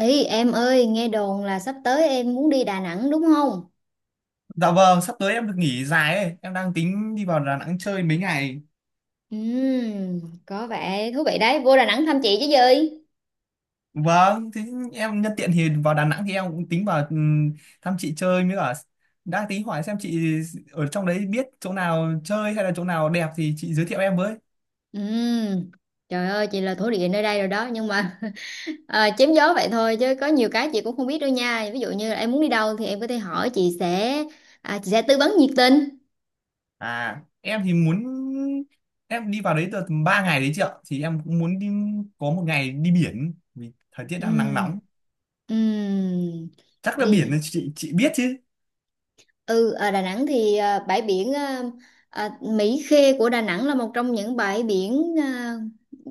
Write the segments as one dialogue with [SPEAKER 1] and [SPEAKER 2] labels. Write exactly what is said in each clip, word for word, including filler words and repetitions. [SPEAKER 1] Ý em ơi, nghe đồn là sắp tới em muốn đi Đà Nẵng đúng không?
[SPEAKER 2] Dạ vâng, sắp tới em được nghỉ dài ấy, em đang tính đi vào Đà Nẵng chơi mấy ngày.
[SPEAKER 1] Ừm, có vẻ thú vị đấy, vô Đà Nẵng thăm chị chứ gì?
[SPEAKER 2] Vâng, thế em nhân tiện thì vào Đà Nẵng thì em cũng tính vào ừm, thăm chị chơi mới cả, đang tính hỏi xem chị ở trong đấy biết chỗ nào chơi hay là chỗ nào đẹp thì chị giới thiệu em với.
[SPEAKER 1] Ừm, trời ơi, chị là thổ địa nơi đây rồi đó, nhưng mà à, chém gió vậy thôi chứ có nhiều cái chị cũng không biết đâu nha. Ví dụ như là em muốn đi đâu thì em có thể hỏi chị sẽ à, chị sẽ tư vấn nhiệt tình.
[SPEAKER 2] À, em thì muốn em đi vào đấy được ba ngày đấy chị ạ, thì em cũng muốn đi có một ngày đi biển vì thời tiết đang nắng
[SPEAKER 1] Ừm,
[SPEAKER 2] nóng.
[SPEAKER 1] ừm,
[SPEAKER 2] Chắc là biển là
[SPEAKER 1] đi.
[SPEAKER 2] chị chị biết chứ.
[SPEAKER 1] Ừ, ở Đà Nẵng thì à, bãi biển à, à, Mỹ Khê của Đà Nẵng là một trong những bãi biển à,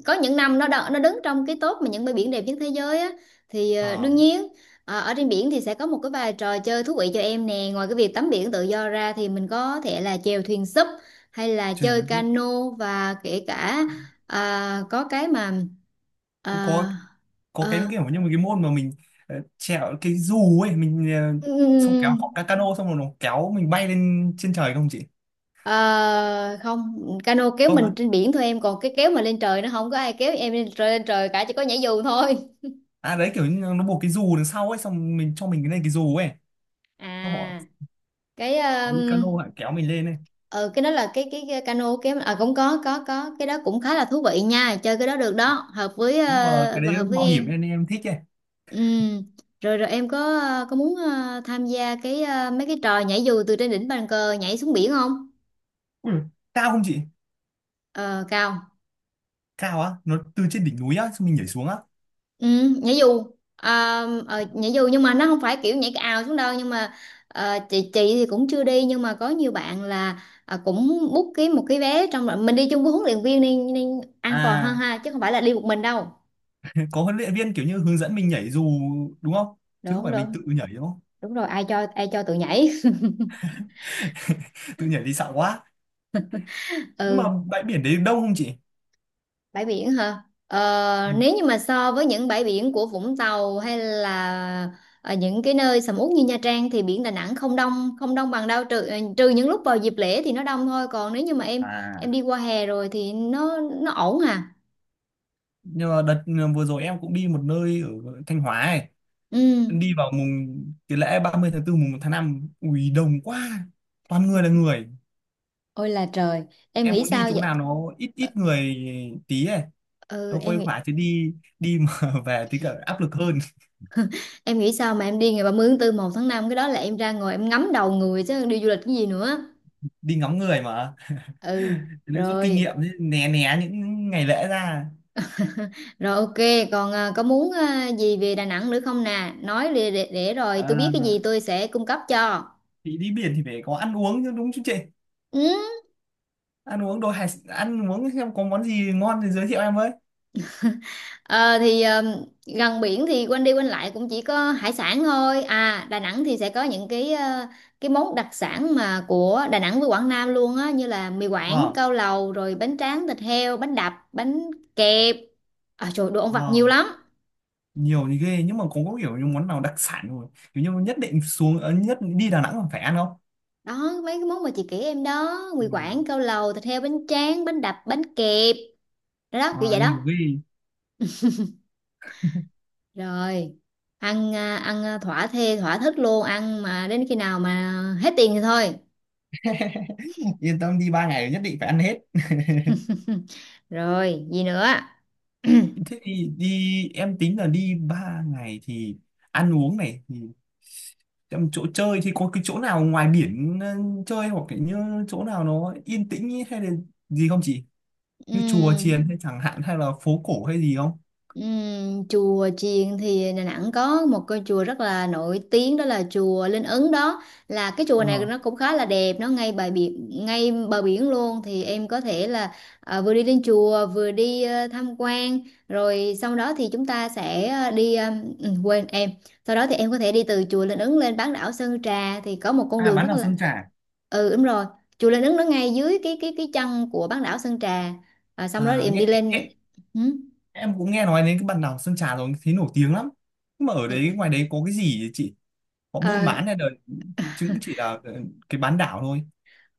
[SPEAKER 1] có những năm nó đo- nó đứng trong cái top mà những bãi biển đẹp nhất thế giới á, thì
[SPEAKER 2] Ờ,
[SPEAKER 1] à, đương
[SPEAKER 2] à,
[SPEAKER 1] nhiên à, ở trên biển thì sẽ có một cái vài trò chơi thú vị cho em nè, ngoài cái việc tắm biển tự do ra thì mình có thể là chèo thuyền súp hay là
[SPEAKER 2] Trên
[SPEAKER 1] chơi
[SPEAKER 2] YouTube
[SPEAKER 1] cano, và kể cả à, có cái mà
[SPEAKER 2] cũng
[SPEAKER 1] à,
[SPEAKER 2] có có cái kiểu như một cái môn mà mình ờ, trèo cái dù ấy, mình ờ,
[SPEAKER 1] à,
[SPEAKER 2] xong kéo cọc ca cano xong rồi nó kéo mình bay lên trên trời không chị?
[SPEAKER 1] Ờ, không, cano kéo
[SPEAKER 2] Không
[SPEAKER 1] mình
[SPEAKER 2] á.
[SPEAKER 1] trên biển thôi em, còn cái kéo mà lên trời nó không có ai kéo em lên trời lên trời cả, chỉ có nhảy dù thôi.
[SPEAKER 2] À, đấy kiểu như nó buộc cái dù đằng sau ấy, xong mình cho mình cái này cái dù ấy, xong họ,
[SPEAKER 1] À, cái
[SPEAKER 2] họ đi cano
[SPEAKER 1] um,
[SPEAKER 2] họ kéo mình lên ấy.
[SPEAKER 1] ờ cái đó là cái cái, cái cano kéo, à cũng có, có có cái đó cũng khá là thú vị nha, chơi cái đó được đó, hợp với
[SPEAKER 2] Nhưng mà
[SPEAKER 1] ờ,
[SPEAKER 2] cái
[SPEAKER 1] và
[SPEAKER 2] đấy
[SPEAKER 1] hợp với
[SPEAKER 2] mạo hiểm
[SPEAKER 1] em.
[SPEAKER 2] nên em thích ấy.
[SPEAKER 1] Ừ. Rồi rồi, em có ờ, có muốn ờ, tham gia cái ờ, mấy cái trò nhảy dù từ trên đỉnh bàn cờ nhảy xuống biển không?
[SPEAKER 2] Ui, cao không chị?
[SPEAKER 1] ờ Cao.
[SPEAKER 2] Cao á, nó từ trên đỉnh núi á xong mình nhảy xuống á.
[SPEAKER 1] Ừ, nhảy dù à, ờ, nhảy dù nhưng mà nó không phải kiểu nhảy ào xuống đâu, nhưng mà ờ, chị chị thì cũng chưa đi, nhưng mà có nhiều bạn là ờ, cũng book cái một cái vé, trong rồi mình đi chung với huấn luyện viên nên, nên, an toàn hơn
[SPEAKER 2] À,
[SPEAKER 1] ha, chứ không phải là đi một mình đâu.
[SPEAKER 2] có huấn luyện viên kiểu như hướng dẫn mình nhảy dù đúng không?
[SPEAKER 1] Đúng
[SPEAKER 2] Chứ không
[SPEAKER 1] không
[SPEAKER 2] phải
[SPEAKER 1] được,
[SPEAKER 2] mình tự nhảy đúng không?
[SPEAKER 1] đúng rồi, ai cho ai cho tụi nhảy.
[SPEAKER 2] Tự nhảy thì sợ quá. Nhưng mà
[SPEAKER 1] Ừ.
[SPEAKER 2] bãi biển đấy đông không chị?
[SPEAKER 1] Bãi biển hả?
[SPEAKER 2] Ừ.
[SPEAKER 1] Ờ, nếu như mà so với những bãi biển của Vũng Tàu hay là ở những cái nơi sầm uất như Nha Trang thì biển Đà Nẵng không đông không đông bằng đâu, trừ ờ, trừ những lúc vào dịp lễ thì nó đông thôi, còn nếu như mà em em
[SPEAKER 2] À,
[SPEAKER 1] đi qua hè rồi thì nó nó ổn à.
[SPEAKER 2] nhưng mà đợt ờ, vừa rồi em cũng đi một nơi ở Thanh Hóa ấy. Em
[SPEAKER 1] Ừ.
[SPEAKER 2] đi vào mùng cái lễ ba mươi tháng tư mùng một tháng năm, ui đông quá, toàn người là người.
[SPEAKER 1] Ôi là trời, em
[SPEAKER 2] Em
[SPEAKER 1] nghĩ
[SPEAKER 2] muốn đi
[SPEAKER 1] sao
[SPEAKER 2] chỗ
[SPEAKER 1] vậy?
[SPEAKER 2] nào nó ít
[SPEAKER 1] Ờ,
[SPEAKER 2] ít người tí ấy,
[SPEAKER 1] ừ,
[SPEAKER 2] nó
[SPEAKER 1] em
[SPEAKER 2] khuây
[SPEAKER 1] nghĩ
[SPEAKER 2] khỏa chứ đi đi mà về thì cả áp lực hơn.
[SPEAKER 1] em nghĩ sao mà em đi ngày ba mươi tháng bốn, một tháng năm? Cái đó là em ra ngồi em ngắm đầu người chứ đi du lịch cái gì nữa.
[SPEAKER 2] Đi ngắm người mà. Thế
[SPEAKER 1] Ừ.
[SPEAKER 2] nên rút kinh
[SPEAKER 1] Rồi.
[SPEAKER 2] nghiệm chứ, né né những ngày lễ ra.
[SPEAKER 1] Rồi, ok, còn à, có muốn à, gì về Đà Nẵng nữa không nè? Nói để, để, để rồi tôi biết
[SPEAKER 2] à,
[SPEAKER 1] cái gì tôi sẽ cung cấp cho.
[SPEAKER 2] thì đi biển thì phải có ăn uống chứ, đúng chứ chị?
[SPEAKER 1] Ừ.
[SPEAKER 2] Ăn uống đồ hải ăn uống xem có món gì ngon thì giới thiệu em với.
[SPEAKER 1] Ờ, thì ờ, gần biển thì quanh đi quanh lại cũng chỉ có hải sản thôi. À, Đà Nẵng thì sẽ có những cái ờ, cái món đặc sản mà của Đà Nẵng với Quảng Nam luôn á, như là mì Quảng,
[SPEAKER 2] ờ
[SPEAKER 1] cao lầu, rồi bánh tráng thịt heo, bánh đập, bánh kẹp. À trời, đồ ăn vặt nhiều
[SPEAKER 2] ờ
[SPEAKER 1] lắm.
[SPEAKER 2] Nhiều thì ghê, nhưng mà cũng có kiểu như món nào đặc sản rồi, kiểu như nhất định xuống ờ, nhất đi Đà Nẵng còn phải ăn không?
[SPEAKER 1] Đó, mấy cái món mà chị kể em đó, mì
[SPEAKER 2] Ừ.
[SPEAKER 1] Quảng, cao lầu, thịt heo, bánh tráng, bánh đập, bánh kẹp. Đó, đó, kiểu
[SPEAKER 2] Ờ,
[SPEAKER 1] vậy
[SPEAKER 2] nhiều
[SPEAKER 1] đó.
[SPEAKER 2] ghê.
[SPEAKER 1] Rồi, ăn à, ăn à, thỏa thê thỏa thích luôn, ăn mà đến khi nào mà hết tiền thì thôi.
[SPEAKER 2] Yên tâm đi, ba ngày nhất định phải ăn hết.
[SPEAKER 1] Rồi gì nữa?
[SPEAKER 2] Thế thì đi, em tính là đi ba ngày thì ăn uống này thì em, chỗ chơi thì có cái chỗ nào ngoài biển ờ, chơi, hoặc là như chỗ nào nó yên tĩnh ý, hay là gì không chị? Như chùa
[SPEAKER 1] Ừm,
[SPEAKER 2] chiền hay chẳng hạn, hay là phố cổ hay gì không?
[SPEAKER 1] Ừm, chùa chiền thì Đà Nẵng có một cái chùa rất là nổi tiếng, đó là chùa Linh Ứng. Đó là cái chùa này
[SPEAKER 2] Ờ.
[SPEAKER 1] nó cũng khá là đẹp, nó ngay bờ biển, ngay bờ biển luôn, thì em có thể là à, vừa đi lên chùa vừa đi ờ, tham quan, rồi sau đó thì chúng ta sẽ, ờ, đi ờ, ừ, quên em, sau đó thì em có thể đi từ chùa Linh Ứng lên bán đảo Sơn Trà, thì có một con
[SPEAKER 2] À,
[SPEAKER 1] đường
[SPEAKER 2] bán
[SPEAKER 1] rất
[SPEAKER 2] đảo
[SPEAKER 1] là,
[SPEAKER 2] Sơn Trà.
[SPEAKER 1] ừ, đúng rồi, chùa Linh Ứng nó ngay dưới cái cái cái chân của bán đảo Sơn Trà. À, xong đó thì
[SPEAKER 2] À,
[SPEAKER 1] em đi
[SPEAKER 2] nghe.
[SPEAKER 1] lên. Ừ.
[SPEAKER 2] Em cũng nghe nói đến cái bản đảo Sơn Trà rồi thấy nổi tiếng lắm. Nhưng mà ở
[SPEAKER 1] Ừ.
[SPEAKER 2] đấy ngoài đấy có cái gì vậy chị? Họ buôn
[SPEAKER 1] Ờ,
[SPEAKER 2] bán hay là, chứ cũng chỉ là ờ, cái bán đảo thôi.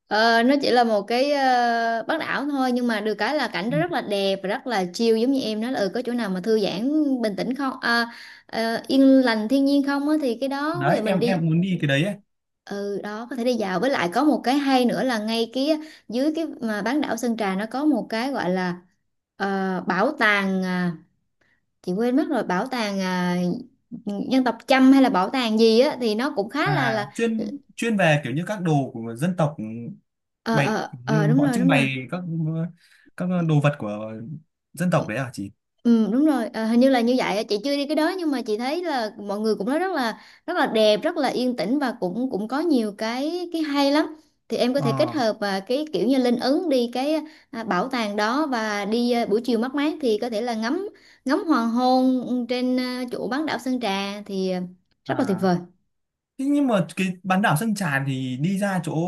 [SPEAKER 1] Ờ, nó chỉ là một cái ờ, bán đảo thôi, nhưng mà được cái là cảnh
[SPEAKER 2] Ừ.
[SPEAKER 1] nó rất là đẹp và rất là chill, giống như em nói là, ừ, có chỗ nào mà thư giãn, bình tĩnh không, à, ờ, yên lành thiên nhiên không á, thì cái đó bây giờ
[SPEAKER 2] Đấy,
[SPEAKER 1] mình
[SPEAKER 2] em
[SPEAKER 1] đi.
[SPEAKER 2] em muốn đi cái đấy ấy.
[SPEAKER 1] Ừ, đó, có thể đi dạo, với lại có một cái hay nữa là ngay kia, dưới cái mà bán đảo Sơn Trà nó có một cái gọi là, ờ, bảo tàng, à, chị quên mất rồi, bảo tàng à, dân tộc Chăm hay là bảo tàng gì á, thì nó cũng khá là
[SPEAKER 2] À,
[SPEAKER 1] là
[SPEAKER 2] Chuyên chuyên về kiểu như các đồ của dân tộc, ừ,
[SPEAKER 1] ờ
[SPEAKER 2] bày
[SPEAKER 1] ờ ờ,
[SPEAKER 2] như
[SPEAKER 1] đúng
[SPEAKER 2] họ
[SPEAKER 1] rồi
[SPEAKER 2] trưng
[SPEAKER 1] đúng rồi.
[SPEAKER 2] bày các ờ, các đồ vật của dân tộc đấy à chị?
[SPEAKER 1] Ừ, đúng rồi, à, hình như là như vậy, chị chưa đi cái đó, nhưng mà chị thấy là mọi người cũng nói rất là rất là đẹp, rất là yên tĩnh, và cũng cũng có nhiều cái cái hay lắm. Thì em có thể kết
[SPEAKER 2] Ờ.
[SPEAKER 1] hợp và cái kiểu như Linh Ứng đi cái à, bảo tàng đó, và đi à, buổi chiều mát mát thì có thể là ngắm ngắm hoàng hôn trên à, chỗ bán đảo Sơn Trà, thì à, rất là tuyệt
[SPEAKER 2] À.
[SPEAKER 1] vời.
[SPEAKER 2] Thế nhưng mà cái bán đảo Sơn Trà thì đi ra chỗ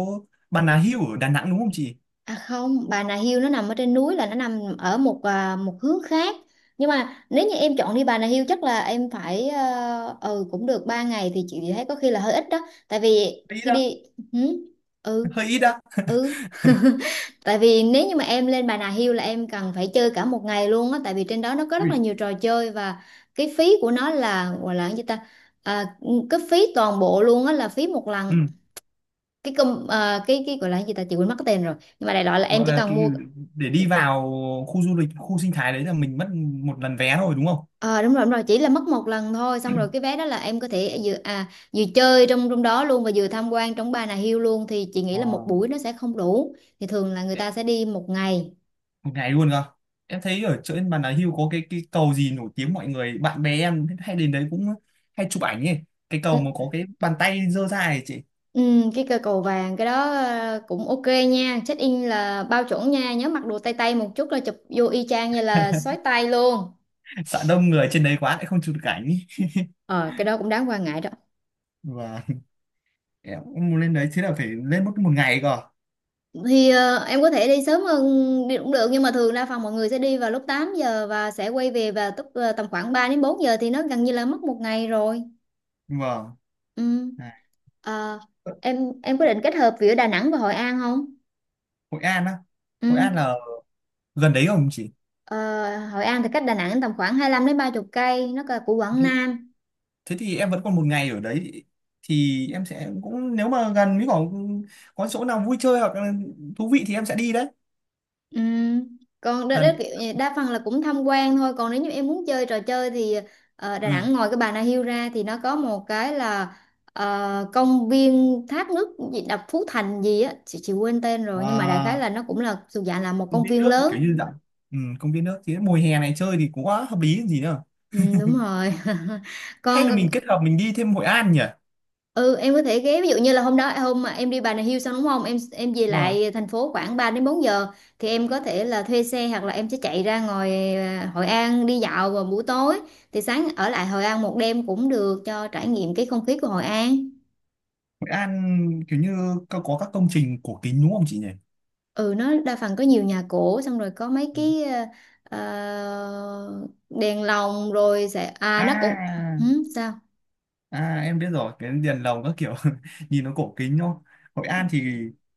[SPEAKER 2] Bà Nà Hills ở Đà Nẵng đúng không chị?
[SPEAKER 1] À không, Bà Nà Hills nó nằm ở trên núi, là nó nằm ở một à, một hướng khác. Nhưng mà nếu như em chọn đi Bà Nà Hills chắc là em phải, ờ, ừ cũng được ba ngày thì chị thấy có khi là hơi ít đó. Tại vì
[SPEAKER 2] Hơi ít
[SPEAKER 1] khi
[SPEAKER 2] đó.
[SPEAKER 1] đi, ừ, ừ,
[SPEAKER 2] Hơi ít á.
[SPEAKER 1] ừ. Tại vì nếu như mà em lên Bà Nà Hills là em cần phải chơi cả một ngày luôn á, tại vì trên đó nó có rất là
[SPEAKER 2] Ui.
[SPEAKER 1] nhiều trò chơi, và cái phí của nó là gọi là cái gì ta? À, cái phí toàn bộ luôn á, là phí một lần
[SPEAKER 2] Ừ.
[SPEAKER 1] cái công, ờ, cái cái gọi là cái gì ta, chị quên mất cái tên rồi, nhưng mà đại loại là em
[SPEAKER 2] Gọi
[SPEAKER 1] chỉ
[SPEAKER 2] là
[SPEAKER 1] cần
[SPEAKER 2] cái
[SPEAKER 1] mua.
[SPEAKER 2] để đi vào khu du lịch khu sinh thái đấy là mình mất một lần vé thôi đúng không?
[SPEAKER 1] Ờ, đúng rồi đúng rồi, chỉ là mất một lần thôi, xong rồi cái vé đó là em có thể vừa à vừa chơi trong trong đó luôn, và vừa tham quan trong Bà Nà Hills luôn, thì chị nghĩ
[SPEAKER 2] Ờ,
[SPEAKER 1] là một buổi nó sẽ không đủ, thì thường là người ta sẽ đi một ngày.
[SPEAKER 2] một ngày luôn cơ? Em thấy ở trên Bà Nà Hills có cái cái cầu gì nổi tiếng, mọi người bạn bè em hay đến đấy cũng hay chụp ảnh ấy, cái
[SPEAKER 1] ừ,
[SPEAKER 2] cầu mà có cái bàn tay giơ ra ấy chị.
[SPEAKER 1] ừ, cái cây cầu vàng, cái đó ờ, cũng ok nha, check in là bao chuẩn nha, nhớ mặc đồ tay tay một chút là chụp vô y chang như là xoáy tay luôn.
[SPEAKER 2] Sợ đông người trên đấy quá lại không chụp được ảnh.
[SPEAKER 1] ờ cái đó cũng đáng quan ngại đó.
[SPEAKER 2] Và em cũng muốn lên đấy, thế là phải lên mất một ngày cơ.
[SPEAKER 1] Thì ờ, em có thể đi sớm hơn, đi cũng được, nhưng mà thường đa phần mọi người sẽ đi vào lúc tám giờ và sẽ quay về vào, tức ờ, tầm khoảng ba đến bốn giờ, thì nó gần như là mất một ngày rồi.
[SPEAKER 2] Vâng.
[SPEAKER 1] Ừ.
[SPEAKER 2] À.
[SPEAKER 1] Ờ, em em có định kết hợp giữa Đà Nẵng và Hội An không?
[SPEAKER 2] Hội An á? Hội
[SPEAKER 1] Ừ.
[SPEAKER 2] An là gần đấy không chị?
[SPEAKER 1] Ờ, Hội An thì cách Đà Nẵng tầm khoảng hai lăm đến ba mươi cây, nó là của Quảng Nam.
[SPEAKER 2] Thế thì em vẫn còn một ngày ở đấy, thì em sẽ cũng, nếu mà gần với có có chỗ nào vui chơi hoặc là thú vị thì em sẽ đi đấy.
[SPEAKER 1] Ừ. Còn đó, đó
[SPEAKER 2] Đàn.
[SPEAKER 1] kiểu như đa phần là cũng tham quan thôi, còn nếu như em muốn chơi trò chơi thì ờ, Đà
[SPEAKER 2] Ừ.
[SPEAKER 1] Nẵng ngoài cái Bà Nà Hills ra thì nó có một cái là ờ, công viên thác nước gì đập Phú Thành gì á, chị, chị quên tên rồi, nhưng mà đại khái
[SPEAKER 2] à,
[SPEAKER 1] là nó cũng là thuộc dạng là một
[SPEAKER 2] Công
[SPEAKER 1] công
[SPEAKER 2] viên
[SPEAKER 1] viên
[SPEAKER 2] nước kiểu
[SPEAKER 1] lớn.
[SPEAKER 2] như dạng. Ừ, công viên nước thì mùa hè này chơi thì cũng quá hợp lý còn gì nữa.
[SPEAKER 1] Ừ, đúng rồi.
[SPEAKER 2] Hay là
[SPEAKER 1] Còn,
[SPEAKER 2] mình kết hợp mình đi thêm Hội An nhỉ?
[SPEAKER 1] ừ, em có thể ghé, ví dụ như là hôm đó, hôm mà em đi Bà Nà Hills xong đúng không, em em về
[SPEAKER 2] Đúng rồi.
[SPEAKER 1] lại thành phố khoảng ba đến bốn giờ, thì em có thể là thuê xe, hoặc là em sẽ chạy ra ngoài à, Hội An đi dạo vào buổi tối, thì sáng ở lại Hội An một đêm cũng được, cho trải nghiệm cái không khí của Hội An.
[SPEAKER 2] Hội An kiểu như có, có các công trình cổ kính đúng không chị nhỉ?
[SPEAKER 1] Ừ, nó đa phần có nhiều nhà cổ, xong rồi có mấy
[SPEAKER 2] Ừ.
[SPEAKER 1] cái à, à, đèn lồng rồi sẽ à nó cũng,
[SPEAKER 2] À.
[SPEAKER 1] ừ, sao.
[SPEAKER 2] À, em biết rồi, cái đèn lồng các kiểu, nhìn nó cổ kính đúng không? Hội An thì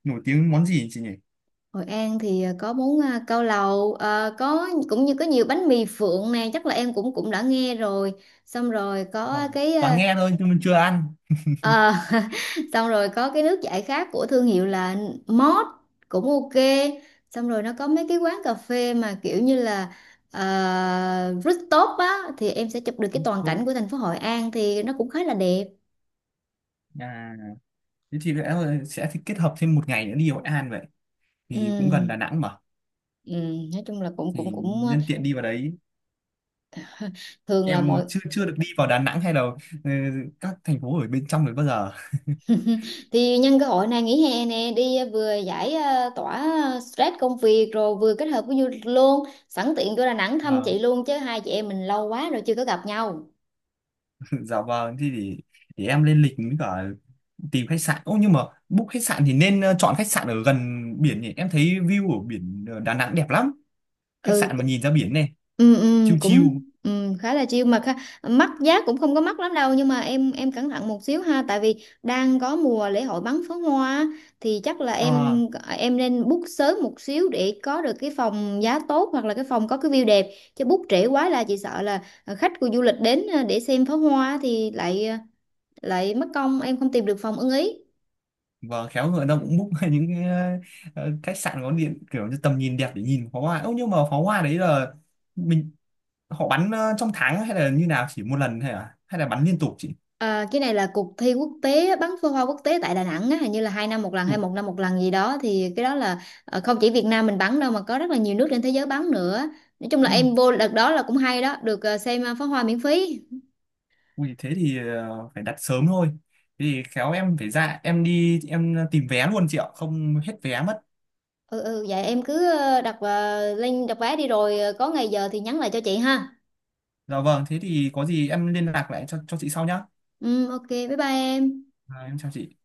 [SPEAKER 2] nổi tiếng món gì chị nhỉ?
[SPEAKER 1] Hội An thì ờ, có bún, ờ, cao lầu, ờ, có cũng như có nhiều bánh mì Phượng nè, chắc là em cũng cũng đã nghe rồi, xong rồi có
[SPEAKER 2] Vâng,
[SPEAKER 1] cái
[SPEAKER 2] toàn
[SPEAKER 1] ờ,
[SPEAKER 2] nghe thôi nhưng mà chưa ăn.
[SPEAKER 1] ờ, xong rồi có cái nước giải khát của thương hiệu là Mót, cũng ok, xong rồi nó có mấy cái quán cà phê mà kiểu như là uh, rooftop á, thì em sẽ chụp được cái toàn cảnh
[SPEAKER 2] Không
[SPEAKER 1] của thành phố Hội An thì nó cũng khá là đẹp.
[SPEAKER 2] à. Thế thì lẽ là sẽ thì kết hợp thêm một ngày nữa đi Hội An vậy, thì cũng gần Đà
[SPEAKER 1] Ừm,
[SPEAKER 2] Nẵng mà.
[SPEAKER 1] ừm, nói chung là cũng cũng
[SPEAKER 2] Thì
[SPEAKER 1] cũng ờ,
[SPEAKER 2] nhân tiện đi vào đấy,
[SPEAKER 1] thường là
[SPEAKER 2] em
[SPEAKER 1] mọi,
[SPEAKER 2] chưa chưa được đi vào Đà Nẵng hay là ừ, các thành phố ở bên trong đấy bao giờ.
[SPEAKER 1] thì nhân cơ hội này nghỉ hè nè, đi ờ, vừa giải ờ, tỏa ờ, stress công việc, rồi vừa kết hợp với du lịch luôn, sẵn tiện vô Đà Nẵng thăm
[SPEAKER 2] Vâng.
[SPEAKER 1] chị luôn, chứ hai chị em mình lâu quá rồi chưa có gặp nhau.
[SPEAKER 2] Dạ vâng, thì để, để em lên lịch với cả tìm khách sạn, ô nhưng mà book khách sạn thì nên ờ, chọn khách sạn ở gần biển nhỉ, em thấy view ở biển ờ, Đà Nẵng đẹp lắm. Khách
[SPEAKER 1] ừ
[SPEAKER 2] sạn mà nhìn ra biển này,
[SPEAKER 1] ừ, ừ
[SPEAKER 2] chill chill.
[SPEAKER 1] cũng ừ, khá là chill mà khá, mắc giá cũng không có mắc lắm đâu, nhưng mà em em cẩn thận một xíu ha, tại vì đang có mùa lễ hội bắn pháo hoa á, thì chắc là
[SPEAKER 2] À,
[SPEAKER 1] em em nên book sớm một xíu để có được cái phòng giá tốt, hoặc là cái phòng có cái view đẹp, chứ book trễ quá là chị sợ là khách của du lịch đến ờ, để xem pháo hoa thì lại ờ, lại mất công em không tìm được phòng ưng ý.
[SPEAKER 2] và khéo người ta cũng book những cái, ờ, khách sạn có điện kiểu như tầm nhìn đẹp để nhìn pháo hoa. Ơ nhưng mà pháo hoa đấy là mình họ bắn ờ, trong tháng hay là như nào, chỉ một lần hay là hay là bắn liên tục chị?
[SPEAKER 1] Ờ, cái này là cuộc thi quốc tế, bắn pháo hoa quốc tế tại Đà Nẵng á, hình như là hai năm một lần hay
[SPEAKER 2] Ủa.
[SPEAKER 1] một năm một lần gì đó, thì cái đó là ờ, không chỉ Việt Nam mình bắn đâu, mà có rất là nhiều nước trên thế giới bắn nữa. Nói chung là
[SPEAKER 2] Ừ.
[SPEAKER 1] em vô đợt đó là cũng hay đó, được ờ, xem ờ, pháo hoa miễn phí.
[SPEAKER 2] Ui, thế thì ờ, phải đặt sớm thôi. Thế thì khéo em phải ra, em đi, em tìm vé luôn chị ạ, không hết vé mất.
[SPEAKER 1] Ừ, ừ, vậy em cứ ờ, đặt ờ, link đặt vé đi, rồi ờ, có ngày giờ thì nhắn lại cho chị ha.
[SPEAKER 2] Dạ vâng, thế thì có gì em liên lạc lại cho cho chị sau nhá.
[SPEAKER 1] Ừ, ok, bye bye em.
[SPEAKER 2] À, em chào chị.